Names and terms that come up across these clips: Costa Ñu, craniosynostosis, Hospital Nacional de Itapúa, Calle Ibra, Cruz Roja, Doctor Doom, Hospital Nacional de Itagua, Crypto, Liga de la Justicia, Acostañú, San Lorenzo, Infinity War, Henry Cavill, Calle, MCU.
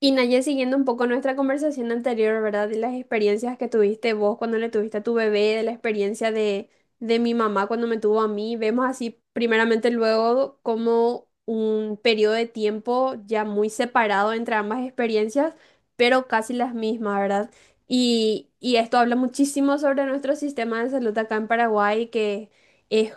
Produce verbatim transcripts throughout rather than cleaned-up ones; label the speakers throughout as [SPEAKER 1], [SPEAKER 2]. [SPEAKER 1] Y Naye, siguiendo un poco nuestra conversación anterior, ¿verdad? De las experiencias que tuviste vos cuando le tuviste a tu bebé, de la experiencia de, de mi mamá cuando me tuvo a mí, vemos así primeramente luego como un periodo de tiempo ya muy separado entre ambas experiencias, pero casi las mismas, ¿verdad? Y, y esto habla muchísimo sobre nuestro sistema de salud acá en Paraguay, que es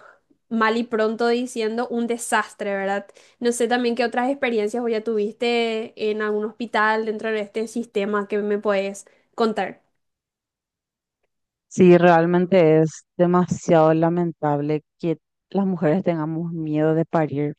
[SPEAKER 1] mal y pronto diciendo un desastre, ¿verdad? No sé también qué otras experiencias o ya tuviste en algún hospital dentro de este sistema que me puedes contar.
[SPEAKER 2] Sí, realmente es demasiado lamentable que las mujeres tengamos miedo de parir,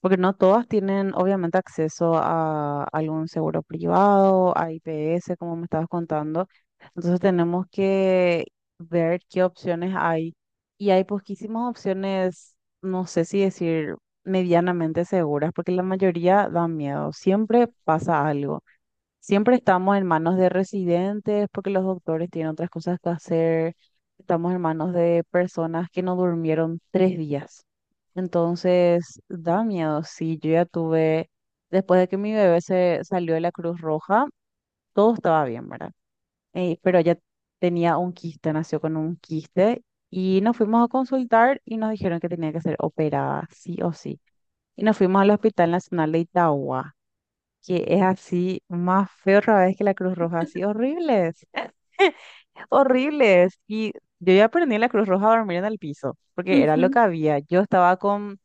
[SPEAKER 2] porque no todas tienen obviamente acceso a algún seguro privado, a I P S, como me estabas contando. Entonces tenemos que ver qué opciones hay. Y hay poquísimas opciones, no sé si decir medianamente seguras, porque la mayoría dan miedo. Siempre pasa algo. Siempre estamos en manos de residentes porque los doctores tienen otras cosas que hacer. Estamos en manos de personas que no durmieron tres días. Entonces, da miedo. Sí, yo ya tuve, después de que mi bebé se salió de la Cruz Roja, todo estaba bien, ¿verdad? Eh, pero ella tenía un quiste, nació con un quiste y nos fuimos a consultar y nos dijeron que tenía que ser operada, sí o sí. Y nos fuimos al Hospital Nacional de Itagua, que es así más feo otra vez que la Cruz Roja, así horribles, horribles. Y yo ya aprendí en la Cruz Roja a dormir en el piso, porque era lo
[SPEAKER 1] Ujú,
[SPEAKER 2] que había. Yo estaba con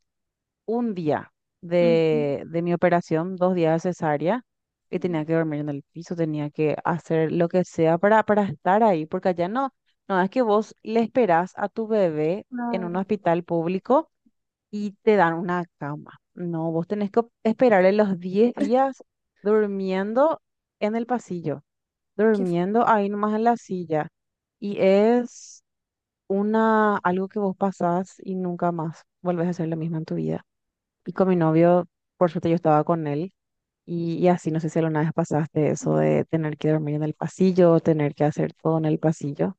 [SPEAKER 2] un día
[SPEAKER 1] ujú,
[SPEAKER 2] de, de mi operación, dos días de cesárea, y tenía que dormir en el piso, tenía que hacer lo que sea para, para estar ahí, porque allá no, no es que vos le esperás a tu bebé en un
[SPEAKER 1] claro.
[SPEAKER 2] hospital público y te dan una cama. No, vos tenés que esperarle los diez días durmiendo en el pasillo,
[SPEAKER 1] Qué, fu-
[SPEAKER 2] durmiendo ahí nomás en la silla. Y es una, algo que vos pasás y nunca más volvés a hacer lo mismo en tu vida. Y con mi novio, por suerte yo estaba con él. Y, y así, no sé si alguna vez pasaste eso de tener que dormir en el pasillo, tener que hacer todo en el pasillo.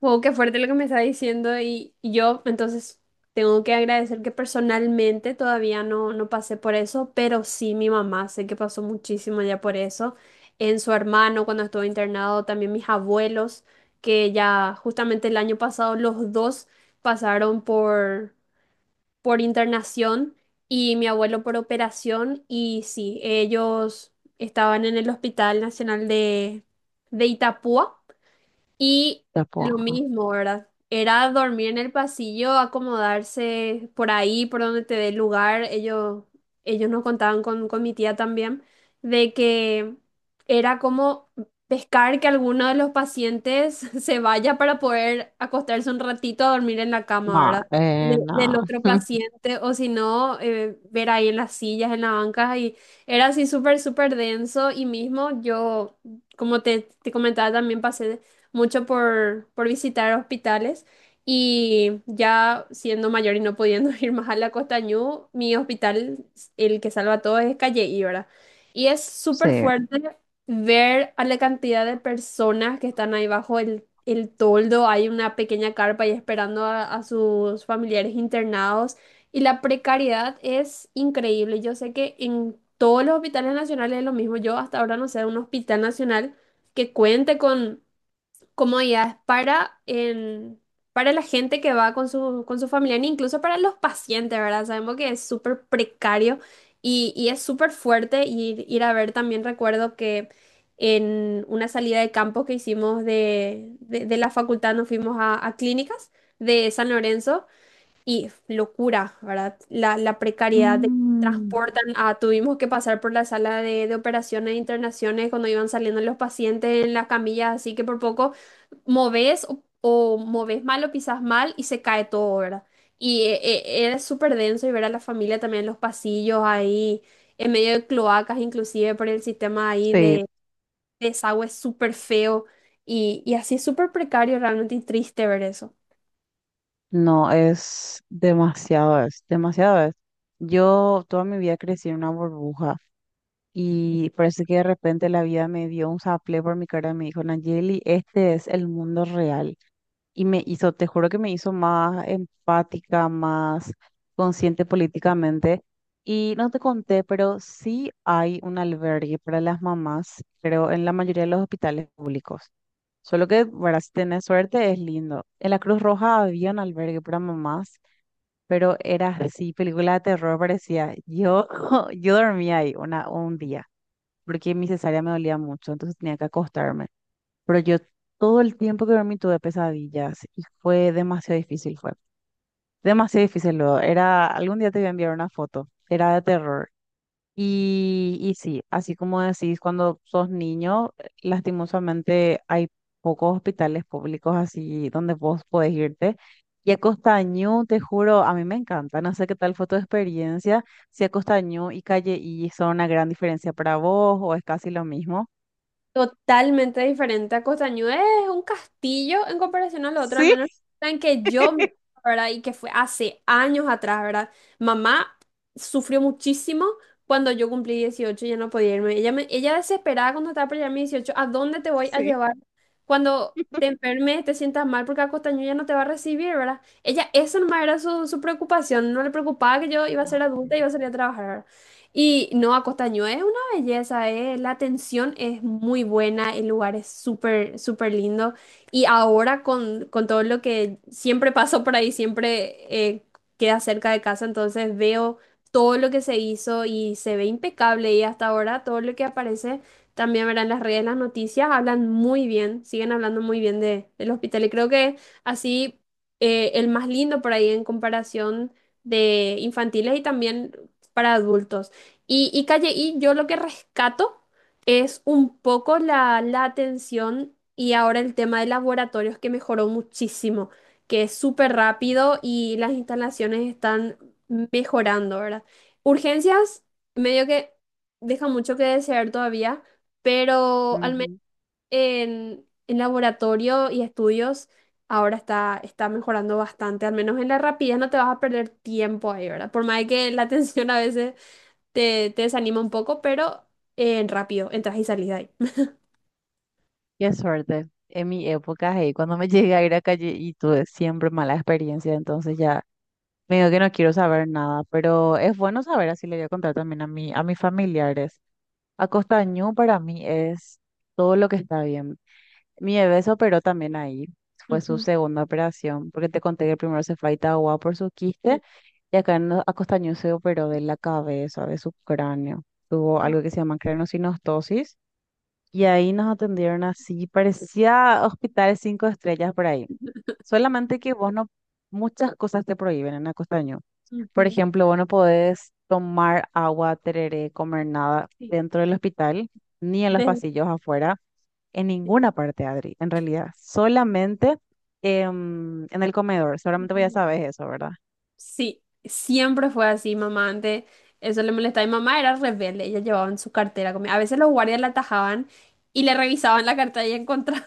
[SPEAKER 1] wow, qué fuerte lo que me está diciendo, y, y yo entonces tengo que agradecer que personalmente todavía no, no pasé por eso, pero sí mi mamá sé que pasó muchísimo ya por eso. En su hermano cuando estuvo internado, también mis abuelos, que ya justamente el año pasado los dos pasaron por por internación y mi abuelo por operación. Y sí, ellos estaban en el Hospital Nacional de, de Itapúa y
[SPEAKER 2] Ya, pues,
[SPEAKER 1] lo mismo, ¿verdad? Era dormir en el pasillo, acomodarse por ahí, por donde te dé lugar. Ellos, ellos nos contaban con, con mi tía también, de que era como pescar que alguno de los pacientes se vaya para poder acostarse un ratito a dormir en la cama,
[SPEAKER 2] no,
[SPEAKER 1] ¿verdad?
[SPEAKER 2] eh,
[SPEAKER 1] De- del
[SPEAKER 2] no.
[SPEAKER 1] otro paciente, o si no, eh, ver ahí en las sillas, en las bancas, y era así súper, súper denso. Y mismo yo, como te, te comentaba, también pasé mucho por, por visitar hospitales y ya siendo mayor y no pudiendo ir más a la Costa Ñu, mi hospital, el que salva a todos es Calle Ibra. Y es súper
[SPEAKER 2] Sí.
[SPEAKER 1] fuerte ver a la cantidad de personas que están ahí bajo el, el toldo, hay una pequeña carpa ahí esperando a, a sus familiares internados y la precariedad es increíble. Yo sé que en todos los hospitales nacionales es lo mismo. Yo hasta ahora no sé de un hospital nacional que cuente con comodidades para, el- para la gente que va con su, con su familia, e incluso para los pacientes, ¿verdad? Sabemos que es súper precario y, y es súper fuerte ir, ir a ver. También recuerdo que en una salida de campo que hicimos de, de, de la facultad nos fuimos a, a clínicas de San Lorenzo y locura, ¿verdad? La, la precariedad de
[SPEAKER 2] Mm,
[SPEAKER 1] transportan a, tuvimos que pasar por la sala de, de operaciones e internaciones cuando iban saliendo los pacientes en las camillas, así que por poco moves o, o moves mal o pisas mal y se cae todo, ¿verdad? Y eh, eh, era súper denso y ver a la familia también en los pasillos ahí, en medio de cloacas, inclusive por el sistema ahí
[SPEAKER 2] sí.
[SPEAKER 1] de desagüe súper feo y, y así es súper precario realmente y triste ver eso.
[SPEAKER 2] No, es demasiado, es demasiado, es. Yo toda mi vida crecí en una burbuja y parece que de repente la vida me dio un saplé por mi cara y me dijo, Nayeli, este es el mundo real, y me hizo, te juro que me hizo más empática, más consciente políticamente. Y no te conté, pero sí hay un albergue para las mamás, pero en la mayoría de los hospitales públicos. Solo que, para si tenés suerte, es lindo. En la Cruz Roja había un albergue para mamás, pero era así, película de terror parecía. Yo, yo dormía ahí una, un día, porque mi cesárea me dolía mucho, entonces tenía que acostarme. Pero yo todo el tiempo que dormí tuve pesadillas y fue demasiado difícil, fue demasiado difícil luego. Era, algún día te voy a enviar una foto, era de terror. Y, y sí, así como decís, cuando sos niño, lastimosamente hay pocos hospitales públicos así donde vos podés irte. Y a Costañú, te juro, a mí me encanta, no sé qué tal fue tu experiencia, si a Costañú y Calle y son una gran diferencia para vos o es casi lo mismo.
[SPEAKER 1] Totalmente diferente a Costañú. Es un castillo en comparación al otro, al
[SPEAKER 2] Sí,
[SPEAKER 1] menos en que yo, me- ¿verdad? Y que fue hace años atrás, ¿verdad? Mamá sufrió muchísimo cuando yo cumplí dieciocho y ya no podía irme. Ella, me, ella desesperada cuando estaba por llegar a mis dieciocho, ¿a dónde te voy a
[SPEAKER 2] sí.
[SPEAKER 1] llevar cuando te enfermes, te sientas mal? Porque a Costañú ya no te va a recibir, ¿verdad? Ella, eso nomás era su, su preocupación. No le preocupaba que yo iba a ser adulta y iba a salir a trabajar, ¿verdad? Y no, a Costañú es belleza, ¿eh? La atención es muy buena, el lugar es súper, súper lindo. Y ahora con, con todo lo que siempre paso por ahí, siempre eh, queda cerca de casa, entonces veo todo lo que se hizo y se ve impecable. Y hasta ahora todo lo que aparece, también verán las redes, las noticias, hablan muy bien, siguen hablando muy bien de, del hospital. Y creo que así eh, el más lindo por ahí en comparación de infantiles y también para adultos. Y, y Calle I, yo lo que rescato es un poco la, la atención y ahora el tema de laboratorios que mejoró muchísimo, que es súper rápido y las instalaciones están mejorando, ¿verdad? Urgencias, medio que deja mucho que desear todavía, pero al menos en, en laboratorio y estudios ahora está, está mejorando bastante, al menos en la rapidez no te vas a perder tiempo ahí, ¿verdad? Por más de que la atención a veces te, te desanima un poco, pero eh, rápido, entras y salís de ahí.
[SPEAKER 2] Qué suerte. En mi época, hey, cuando me llegué a ir a calle y tuve siempre mala experiencia, entonces ya me digo que no quiero saber nada, pero es bueno saber, así le voy a contar también a mi, a mis familiares. Acostañú para mí es todo lo que está bien. Mi bebé se operó también ahí, fue su
[SPEAKER 1] Ujú,
[SPEAKER 2] segunda operación, porque te conté que el primero se fue a Itagua por su
[SPEAKER 1] sí.
[SPEAKER 2] quiste, y acá en Acostañú se operó de la cabeza, de su cráneo. Tuvo
[SPEAKER 1] Ah,
[SPEAKER 2] algo que se llama craniosynostosis y ahí nos atendieron así, parecía hospitales cinco estrellas por ahí. Solamente que vos no, muchas cosas te prohíben en Acostaño. Por
[SPEAKER 1] ujú,
[SPEAKER 2] ejemplo, vos no podés tomar agua, tereré, comer nada
[SPEAKER 1] sí.
[SPEAKER 2] dentro del hospital, ni en los
[SPEAKER 1] Desde-
[SPEAKER 2] pasillos afuera, en ninguna parte, Adri, en realidad. Solamente em, en el comedor, seguramente vos ya sabes eso, ¿verdad?
[SPEAKER 1] Sí, siempre fue así, mamá. Antes eso le molestaba. Mi mamá era rebelde, ella llevaba en su cartera comida. A veces los guardias la atajaban y le revisaban la cartera y encontraban.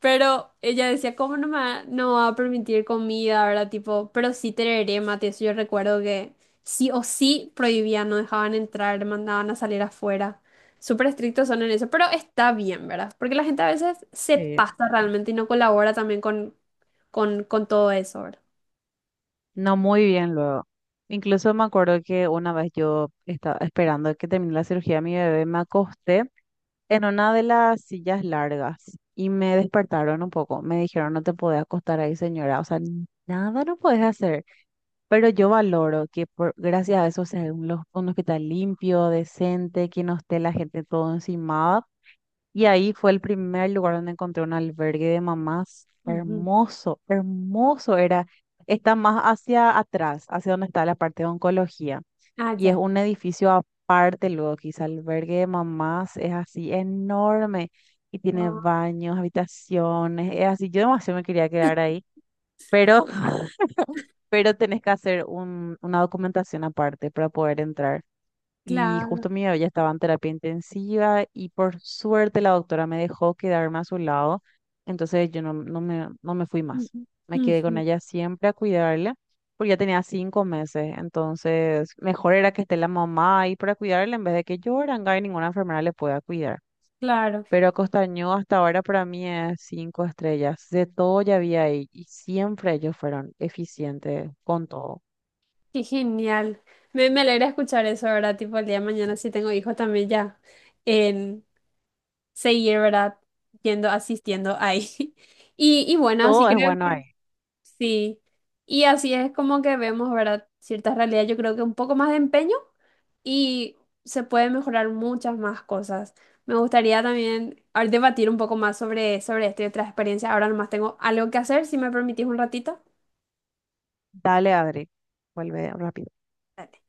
[SPEAKER 1] Pero ella decía, ¿cómo no me va, no va a permitir comida, ¿verdad? Tipo, pero sí tereré mate. Eso yo recuerdo que sí o sí prohibían, no dejaban entrar, mandaban a salir afuera. Súper estrictos son en eso, pero está bien, ¿verdad? Porque la gente a veces se
[SPEAKER 2] Sí.
[SPEAKER 1] pasa realmente y no colabora también con, con, con todo eso, ¿verdad?
[SPEAKER 2] No, muy bien luego. Incluso me acuerdo que una vez yo estaba esperando que terminara la cirugía de mi bebé, me acosté en una de las sillas largas y me despertaron un poco. Me dijeron, no te podés acostar ahí, señora. O sea, n- nada no puedes hacer. Pero yo valoro que por, gracias a eso sea un, lo- un hospital limpio, decente, que no esté la gente todo encimada. Y ahí fue el primer lugar donde encontré un albergue de mamás.
[SPEAKER 1] Ujú.
[SPEAKER 2] Hermoso, hermoso era. Está más hacia atrás, hacia donde está la parte de oncología.
[SPEAKER 1] Ah,
[SPEAKER 2] Y es
[SPEAKER 1] ya.
[SPEAKER 2] un edificio aparte luego, quizá el albergue de mamás es así enorme y tiene
[SPEAKER 1] Wow,
[SPEAKER 2] baños, habitaciones, es así. Yo demasiado me quería quedar ahí, pero, pero tenés que hacer un, una documentación aparte para poder entrar. Y
[SPEAKER 1] claro.
[SPEAKER 2] justo mi bebé ya estaba en terapia intensiva y por suerte la doctora me dejó quedarme a su lado. Entonces yo no, no me, no me fui más.
[SPEAKER 1] Ujú.
[SPEAKER 2] Me quedé con
[SPEAKER 1] Ujú,
[SPEAKER 2] ella siempre a cuidarla porque ya tenía cinco meses. Entonces mejor era que esté la mamá ahí para cuidarla en vez de que yo, Aranguá, y ninguna enfermera le pueda cuidar.
[SPEAKER 1] claro,
[SPEAKER 2] Pero Acostañó hasta ahora para mí es cinco estrellas. De todo ya había ahí y siempre ellos fueron eficientes con todo.
[SPEAKER 1] qué genial. Me, me alegra escuchar eso, ¿verdad? Tipo, el día de mañana si tengo hijos también ya. Seguir, ¿verdad? Yendo, asistiendo ahí. Y, y bueno, así
[SPEAKER 2] Todo es
[SPEAKER 1] creo
[SPEAKER 2] bueno
[SPEAKER 1] que
[SPEAKER 2] ahí.
[SPEAKER 1] sí. Y así es como que vemos, ¿verdad? Ciertas realidades, yo creo que un poco más de empeño y se puede mejorar muchas más cosas. Me gustaría también a ver, debatir un poco más sobre, sobre esto y otras experiencias. Ahora nomás tengo algo que hacer, si me permitís un ratito.
[SPEAKER 2] Dale, Adri. Vuelve rápido.
[SPEAKER 1] Dale.